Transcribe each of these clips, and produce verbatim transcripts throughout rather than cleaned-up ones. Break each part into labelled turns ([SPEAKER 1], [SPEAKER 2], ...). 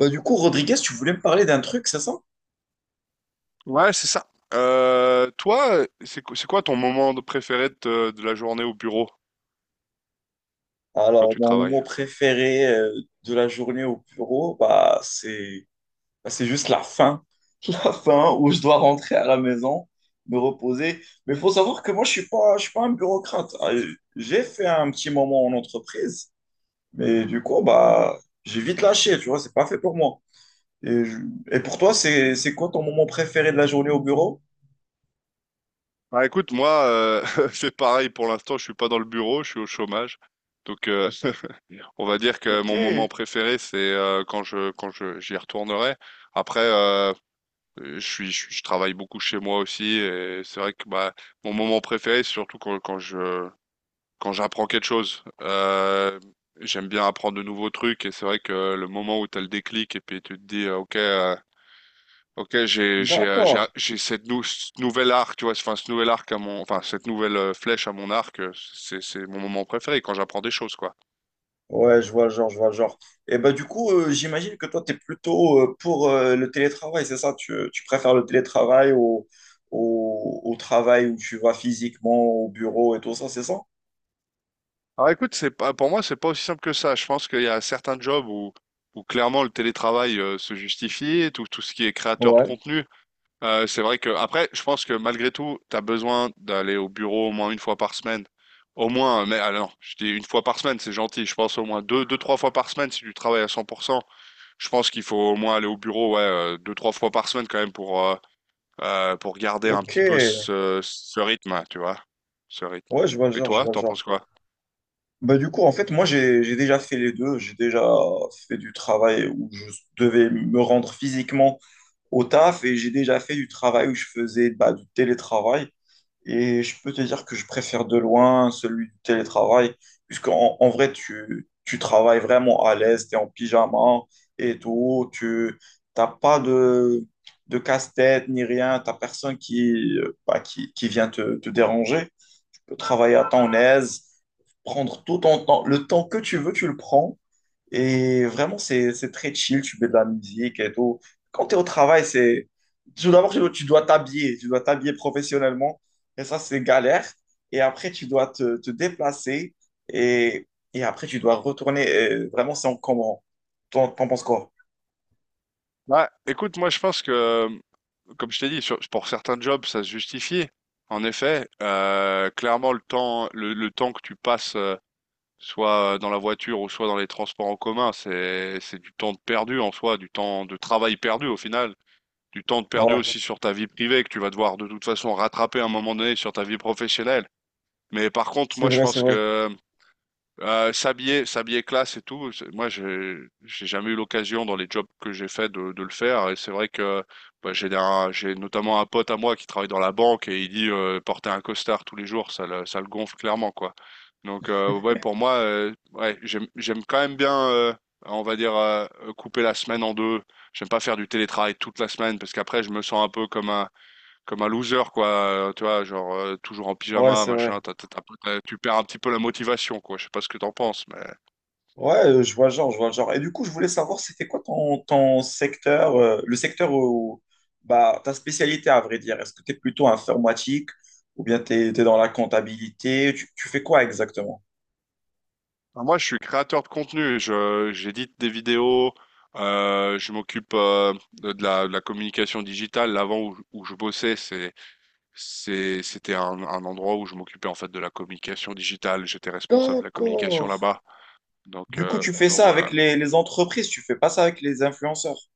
[SPEAKER 1] Bah, du coup, Rodriguez, tu voulais me parler d'un truc, c'est ça?
[SPEAKER 2] Ouais, c'est ça. Euh, toi, c'est quoi, c'est quoi ton moment de- préféré de, te- de la journée au bureau quand
[SPEAKER 1] Alors,
[SPEAKER 2] tu
[SPEAKER 1] mon
[SPEAKER 2] travailles?
[SPEAKER 1] moment préféré euh, de la journée au bureau, bah, c'est bah, c'est juste la fin. La fin où je dois rentrer à la maison, me reposer. Mais il faut savoir que moi, je suis pas, je suis pas un bureaucrate. Ah, J'ai fait un petit moment en entreprise, mais du coup, bah, j'ai vite lâché, tu vois, c'est pas fait pour moi. Et, je- et pour toi, c'est, c'est quoi ton moment préféré de la journée au bureau?
[SPEAKER 2] Bah écoute, moi, euh, c'est pareil pour l'instant, je suis pas dans le bureau, je suis au chômage. Donc, euh, on va dire que
[SPEAKER 1] Ok,
[SPEAKER 2] mon moment préféré, c'est euh, quand je, quand je, j'y retournerai. Après, euh, je suis, je, je travaille beaucoup chez moi aussi, et c'est vrai que bah, mon moment préféré, c'est surtout quand, quand je, quand j'apprends quelque chose. Euh, j'aime bien apprendre de nouveaux trucs et c'est vrai que le moment où tu as le déclic et puis tu te dis euh, OK euh, OK, j'ai j'ai euh, j'ai
[SPEAKER 1] d'accord.
[SPEAKER 2] j'ai cette nou ce nouvel arc, tu vois, enfin ce nouvel arc à mon enfin cette nouvelle euh, flèche à mon arc, euh, c'est c'est mon moment préféré quand j'apprends des choses quoi.
[SPEAKER 1] Ouais, je vois le genre, je vois le genre. Et bah du coup, euh, j'imagine que toi, tu es plutôt euh, pour euh, le télétravail, c'est ça? Tu, tu préfères le télétravail au, au, au travail où tu vas physiquement au bureau et tout ça, c'est ça?
[SPEAKER 2] Alors écoute, c'est pas pour moi, c'est pas aussi simple que ça. Je pense qu'il y a certains jobs où où clairement le télétravail euh, se justifie, tout tout ce qui est créateur de
[SPEAKER 1] Ouais.
[SPEAKER 2] contenu. Euh, c'est vrai que après, je pense que malgré tout, tu as besoin d'aller au bureau au moins une fois par semaine. Au moins, mais alors, je dis une fois par semaine, c'est gentil. Je pense au moins deux, deux, trois fois par semaine si tu travailles à cent pour cent. Je pense qu'il faut au moins aller au bureau, ouais, euh, deux, trois fois par semaine quand même pour euh, euh, pour garder un
[SPEAKER 1] Ok,
[SPEAKER 2] petit peu
[SPEAKER 1] ouais,
[SPEAKER 2] ce, ce rythme, tu vois, ce rythme.
[SPEAKER 1] je vois le
[SPEAKER 2] Et
[SPEAKER 1] genre, je
[SPEAKER 2] toi,
[SPEAKER 1] vois le
[SPEAKER 2] t'en
[SPEAKER 1] genre.
[SPEAKER 2] penses quoi?
[SPEAKER 1] Bah du coup, en fait, moi, j'ai, j'ai déjà fait les deux. J'ai déjà fait du travail où je devais me rendre physiquement au taf et j'ai déjà fait du travail où je faisais bah, du télétravail. Et je peux te dire que je préfère de loin celui du télétravail, puisqu'en en vrai, tu, tu travailles vraiment à l'aise, tu es en pyjama et tout, tu n'as pas de, de casse-tête ni rien, tu n'as personne qui, euh, bah, qui, qui vient te, te déranger. Tu peux travailler à ton aise, prendre tout ton temps, le temps que tu veux, tu le prends. Et vraiment, c'est, c'est très chill, tu mets de la musique et tout. Quand tu es au travail, c'est... Tout d'abord, tu, tu dois t'habiller, tu dois t'habiller professionnellement. Et ça, c'est galère. Et après, tu dois te, te déplacer. Et, et après, tu dois retourner. Et vraiment, c'est encombrant. T'en t'en penses quoi?
[SPEAKER 2] Bah, écoute, moi, je pense que, comme je t'ai dit, sur- pour certains jobs, ça se justifie. En effet, euh, clairement, le temps, le, le temps que tu passes soit euh, dans la voiture ou soit dans les transports en commun, c'est c'est du temps de perdu en soi, du temps de travail perdu au final, du temps de perdu
[SPEAKER 1] Ouais,
[SPEAKER 2] aussi sur ta vie privée que tu vas devoir de toute façon rattraper à un moment donné sur ta vie professionnelle. Mais par contre,
[SPEAKER 1] c'est
[SPEAKER 2] moi je
[SPEAKER 1] vrai, c'est
[SPEAKER 2] pense
[SPEAKER 1] vrai.
[SPEAKER 2] que euh, s'habiller, s'habiller classe et tout. c'est- Moi, j'ai, j'ai jamais eu l'occasion dans les jobs que j'ai fait de, de le faire. Et c'est vrai que bah, j'ai un- j'ai notamment un pote à moi qui travaille dans la banque et il dit euh, porter un costard tous les jours, ça le, ça le gonfle clairement, quoi. Donc, euh, ouais, pour moi, euh, ouais, j'aime, j'aime quand même bien, euh, on va dire, euh, couper la semaine en deux. J'aime pas faire du télétravail toute la semaine parce qu'après, je me sens un peu comme un, comme un loser, quoi, heu, tu vois? Genre, heu, toujours en
[SPEAKER 1] Ouais,
[SPEAKER 2] pyjama,
[SPEAKER 1] c'est vrai.
[SPEAKER 2] machin. T'as, t'as, tu as tu perds un petit peu la motivation, quoi. Je sais pas ce que t'en penses, mais
[SPEAKER 1] Ouais, euh, je vois le genre, je vois le genre. Et du coup, je voulais savoir, c'était quoi ton, ton secteur, euh, le secteur où, bah, ta spécialité à vrai dire. Est-ce que tu es plutôt informatique ou bien tu es, dans la comptabilité? Tu, tu fais quoi exactement?
[SPEAKER 2] bah, moi, je suis créateur de contenu. Je j'édite des vidéos, heu, je m'occupe, heu, de de la de la communication digitale. L'avant où où je bossais, c'est c'est c'était un un endroit où je m'occupais, en fait, de la communication digitale. J'étais responsable de la communication
[SPEAKER 1] D'accord.
[SPEAKER 2] là-bas, donc
[SPEAKER 1] Du coup,
[SPEAKER 2] heu,
[SPEAKER 1] tu fais
[SPEAKER 2] donc
[SPEAKER 1] ça avec
[SPEAKER 2] voilà.
[SPEAKER 1] les, les entreprises, tu fais pas ça avec les influenceurs.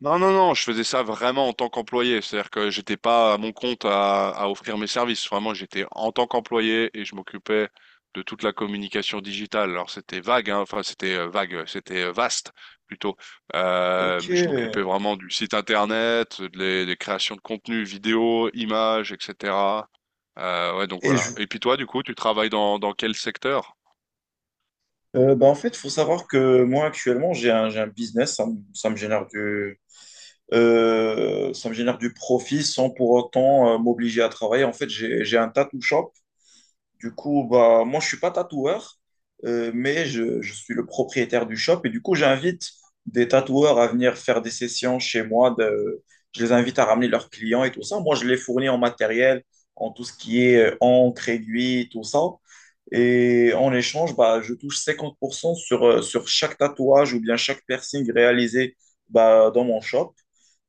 [SPEAKER 2] Non, non, non, je faisais ça vraiment en tant qu'employé. C'est-à-dire que j'étais pas à mon compte à, à offrir mes services. Vraiment, j'étais en tant qu'employé et je m'occupais de toute la communication digitale. Alors, c'était vague, hein. Enfin, c'était euh, vague, c'était euh, vaste plutôt. Euh,
[SPEAKER 1] Ok.
[SPEAKER 2] mais je m'occupais
[SPEAKER 1] Et
[SPEAKER 2] vraiment du site internet, de les- des créations de contenu, vidéos, images, et cetera. Euh, ouais, donc voilà.
[SPEAKER 1] je,
[SPEAKER 2] Et puis toi, du coup, tu travailles dans, dans quel secteur?
[SPEAKER 1] euh, bah, en fait, il faut savoir que moi, actuellement, j'ai un, j'ai un business, ça, me ça me génère du, Euh, ça me génère du profit sans pour autant euh, m'obliger à travailler. En fait, j'ai, j'ai un tattoo shop. Du coup, bah, moi, je suis pas tatoueur, euh, mais je, je suis le propriétaire du shop. Et du coup, j'invite des tatoueurs à venir faire des sessions chez moi. De, je les invite à ramener leurs clients et tout ça. Moi, je les fournis en matériel, en tout ce qui est euh, encre, aiguille, tout ça. Et en échange, bah, je touche cinquante pour cent sur, euh, sur chaque tatouage ou bien chaque piercing réalisé bah, dans mon shop.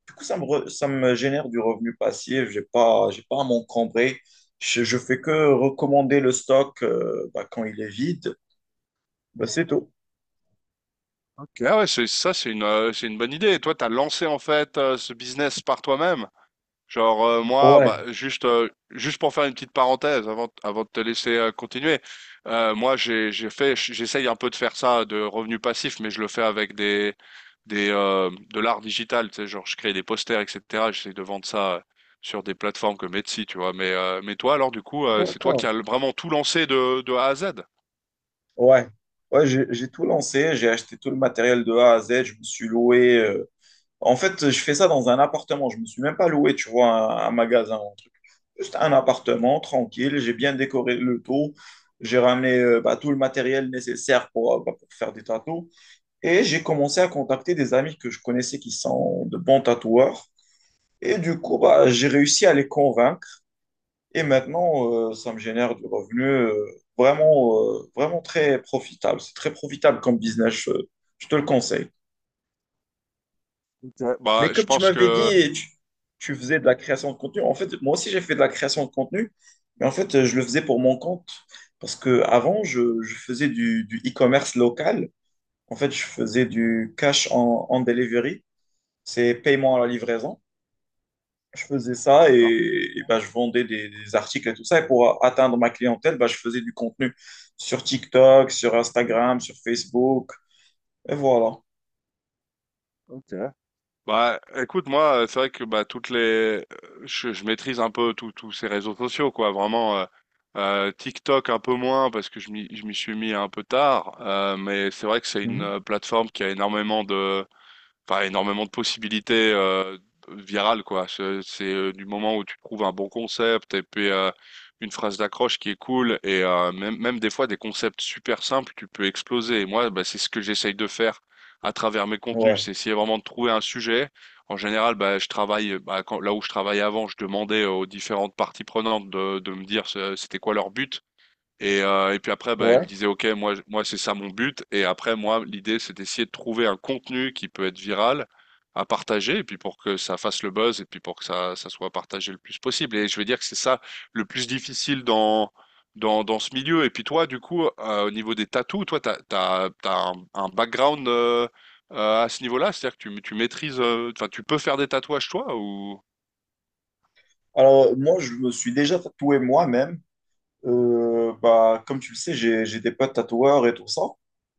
[SPEAKER 1] Du coup, ça me, re- ça me génère du revenu passif. J'ai pas, j'ai pas à m'encombrer. Je, je fais que recommander le stock euh, bah, quand il est vide. Bah, c'est tout.
[SPEAKER 2] Ok. Ah ouais, c'est ça, c'est une, euh, c'est une bonne idée. Et toi, t'as lancé en fait euh, ce business par toi-même. Genre euh, moi,
[SPEAKER 1] Ouais,
[SPEAKER 2] bah, juste euh, juste pour faire une petite parenthèse avant avant de te laisser euh, continuer, euh, moi j'ai j'ai fait j'essaye un peu de faire ça de revenus passifs, mais je le fais avec des des euh, de l'art digital, tu sais, genre je crée des posters, et cetera. J'essaie de vendre ça euh, sur des plateformes comme Etsy, tu vois. Mais euh, mais toi alors du coup, euh, c'est toi qui as
[SPEAKER 1] d'accord.
[SPEAKER 2] vraiment tout lancé de de A à Z.
[SPEAKER 1] Ouais. Ouais, j'ai, j'ai tout lancé. J'ai acheté tout le matériel de A à Z. Je me suis loué. euh, En fait, je fais ça dans un appartement. Je me suis même pas loué, tu vois, un, un magasin ou un truc. Juste un appartement, tranquille. J'ai bien décoré le tout. J'ai ramené euh, bah, tout le matériel nécessaire pour, euh, bah, pour faire des tâteaux. Et j'ai commencé à contacter des amis que je connaissais qui sont de bons tatoueurs. Et du coup, bah, j'ai réussi à les convaincre. Et maintenant, euh, ça me génère du revenu euh, vraiment, euh, vraiment très profitable. C'est très profitable comme business, je, je te le conseille.
[SPEAKER 2] Ouais.
[SPEAKER 1] Mais
[SPEAKER 2] Bah je
[SPEAKER 1] comme tu
[SPEAKER 2] pense
[SPEAKER 1] m'avais
[SPEAKER 2] que
[SPEAKER 1] dit, tu, tu faisais de la création de contenu. En fait, moi aussi, j'ai fait de la création de contenu. Mais en fait, je le faisais pour mon compte. Parce que avant, je, je faisais du, du e-commerce local. En fait, je faisais du cash en, en delivery. C'est paiement à la livraison. Je faisais ça et, et ben, je vendais des, des articles et tout ça. Et pour atteindre ma clientèle, ben, je faisais du contenu sur TikTok, sur Instagram, sur Facebook. Et voilà.
[SPEAKER 2] bah, écoute, moi, euh, c'est vrai que bah, toutes les, euh, je, je maîtrise un peu tous tous ces réseaux sociaux, quoi. Vraiment, euh, euh, TikTok un peu moins parce que je m'y je m'y suis mis un peu tard, euh, mais c'est vrai que c'est une
[SPEAKER 1] Mhm.
[SPEAKER 2] euh, plateforme qui a énormément de, enfin énormément de possibilités euh, virales quoi. C'est c'est, euh, du moment où tu trouves un bon concept et puis euh, une phrase d'accroche qui est cool et euh, même même des fois des concepts super simples, tu peux exploser. Et moi, bah, c'est ce que j'essaye de faire à travers mes
[SPEAKER 1] Ouais.
[SPEAKER 2] contenus, c'est essayer vraiment de trouver un sujet. En général, bah, je travaille bah, quand- là où je travaillais avant, je demandais aux différentes parties prenantes de, de me dire ce- c'était quoi leur but. Et, euh, et puis après, bah, il me
[SPEAKER 1] Ouais.
[SPEAKER 2] disait, OK, moi, je- moi c'est ça mon but. Et après, moi, l'idée, c'est d'essayer de trouver un contenu qui peut être viral à partager, et puis pour que ça fasse le buzz, et puis pour que ça, ça soit partagé le plus possible. Et je veux dire que c'est ça le plus difficile dans, dans, dans ce milieu. Et puis toi, du coup, euh, au niveau des tatous, toi, tu as, t'as, t'as t'as un, un background euh, euh, à ce niveau-là, c'est-à-dire que tu, tu maîtrises, euh, enfin, tu peux faire des tatouages, toi, ou...
[SPEAKER 1] Alors, moi, je me suis déjà tatoué moi-même. Euh, bah, comme tu le sais, j'ai, j'ai des potes tatoueurs et tout ça.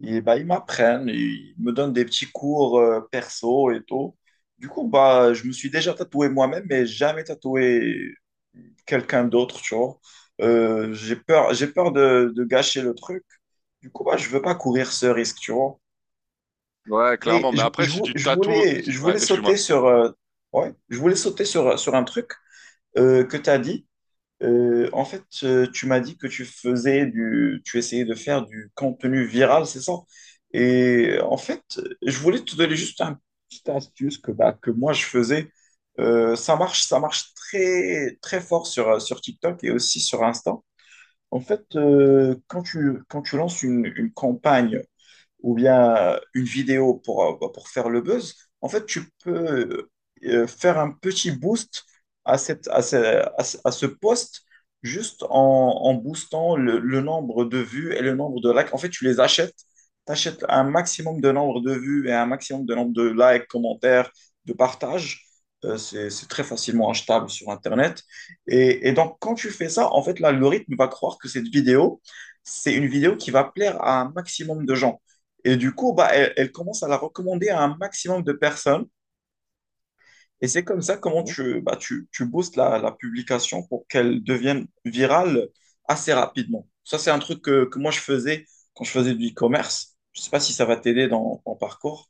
[SPEAKER 1] Et bah, ils m'apprennent, ils me donnent des petits cours euh, perso et tout. Du coup, bah, je me suis déjà tatoué moi-même, mais jamais tatoué quelqu'un d'autre, tu vois. Euh, j'ai peur, j'ai peur de, de gâcher le truc. Du coup, bah, je veux pas courir ce risque, tu vois.
[SPEAKER 2] Ouais,
[SPEAKER 1] Mais
[SPEAKER 2] clairement. Mais
[SPEAKER 1] je,
[SPEAKER 2] après,
[SPEAKER 1] je
[SPEAKER 2] si
[SPEAKER 1] vou-
[SPEAKER 2] tu
[SPEAKER 1] je
[SPEAKER 2] tatoues...
[SPEAKER 1] voulais, je
[SPEAKER 2] Ouais,
[SPEAKER 1] voulais sauter
[SPEAKER 2] excuse-moi.
[SPEAKER 1] sur, euh, ouais, je voulais sauter sur, sur un truc euh, que tu as dit. Euh, en fait, euh, tu m'as dit que tu faisais du, tu essayais de faire du contenu viral, c'est ça? Et euh, en fait, je voulais te donner juste un petite astuce que, bah, que moi je faisais. Euh, ça marche, ça marche très, très fort sur, euh, sur TikTok et aussi sur Insta. En fait, euh, quand tu, quand tu lances une, une campagne ou bien euh, une vidéo pour, euh, bah, pour faire le buzz, en fait, tu peux euh, euh, faire un petit boost à, cette, à, ce, à ce- à ce poste juste en, en boostant le, le nombre de vues et le nombre de likes. En fait, tu les achètes, tu achètes un maximum de nombre de vues et un maximum de nombre de likes, commentaires, de partages. Euh, c'est, c'est très facilement achetable sur Internet. Et, et donc, quand tu fais ça, en fait, l'algorithme va croire que cette vidéo, c'est une vidéo qui va plaire à un maximum de gens. Et du coup, bah, elle, elle commence à la recommander à un maximum de personnes. Et c'est comme ça comment tu, bah, tu, tu boostes la, la publication pour qu'elle devienne virale assez rapidement. Ça, c'est un truc que, que moi, je faisais quand je faisais du e-commerce. Je ne sais pas si ça va t'aider dans ton parcours.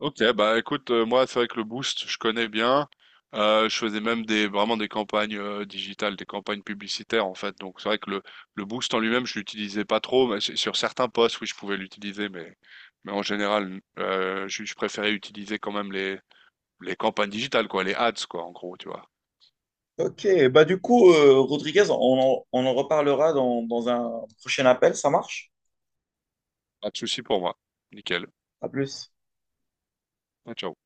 [SPEAKER 2] Ok, bah écoute, euh, moi c'est vrai que le Boost, je connais bien. Euh, je faisais même des vraiment des campagnes euh, digitales, des campagnes publicitaires en fait. Donc c'est vrai que le, le Boost en lui-même, je l'utilisais pas trop, mais sur sur certains postes, oui, je pouvais l'utiliser, mais mais en général, euh, je, je préférais utiliser quand même les les campagnes digitales, quoi, les ads, quoi, en gros, tu vois.
[SPEAKER 1] Ok, bah du coup, euh, Rodriguez, on en, on en reparlera dans, dans un prochain appel, ça marche?
[SPEAKER 2] Pas de souci pour moi. Nickel.
[SPEAKER 1] À plus.
[SPEAKER 2] Ah, ciao.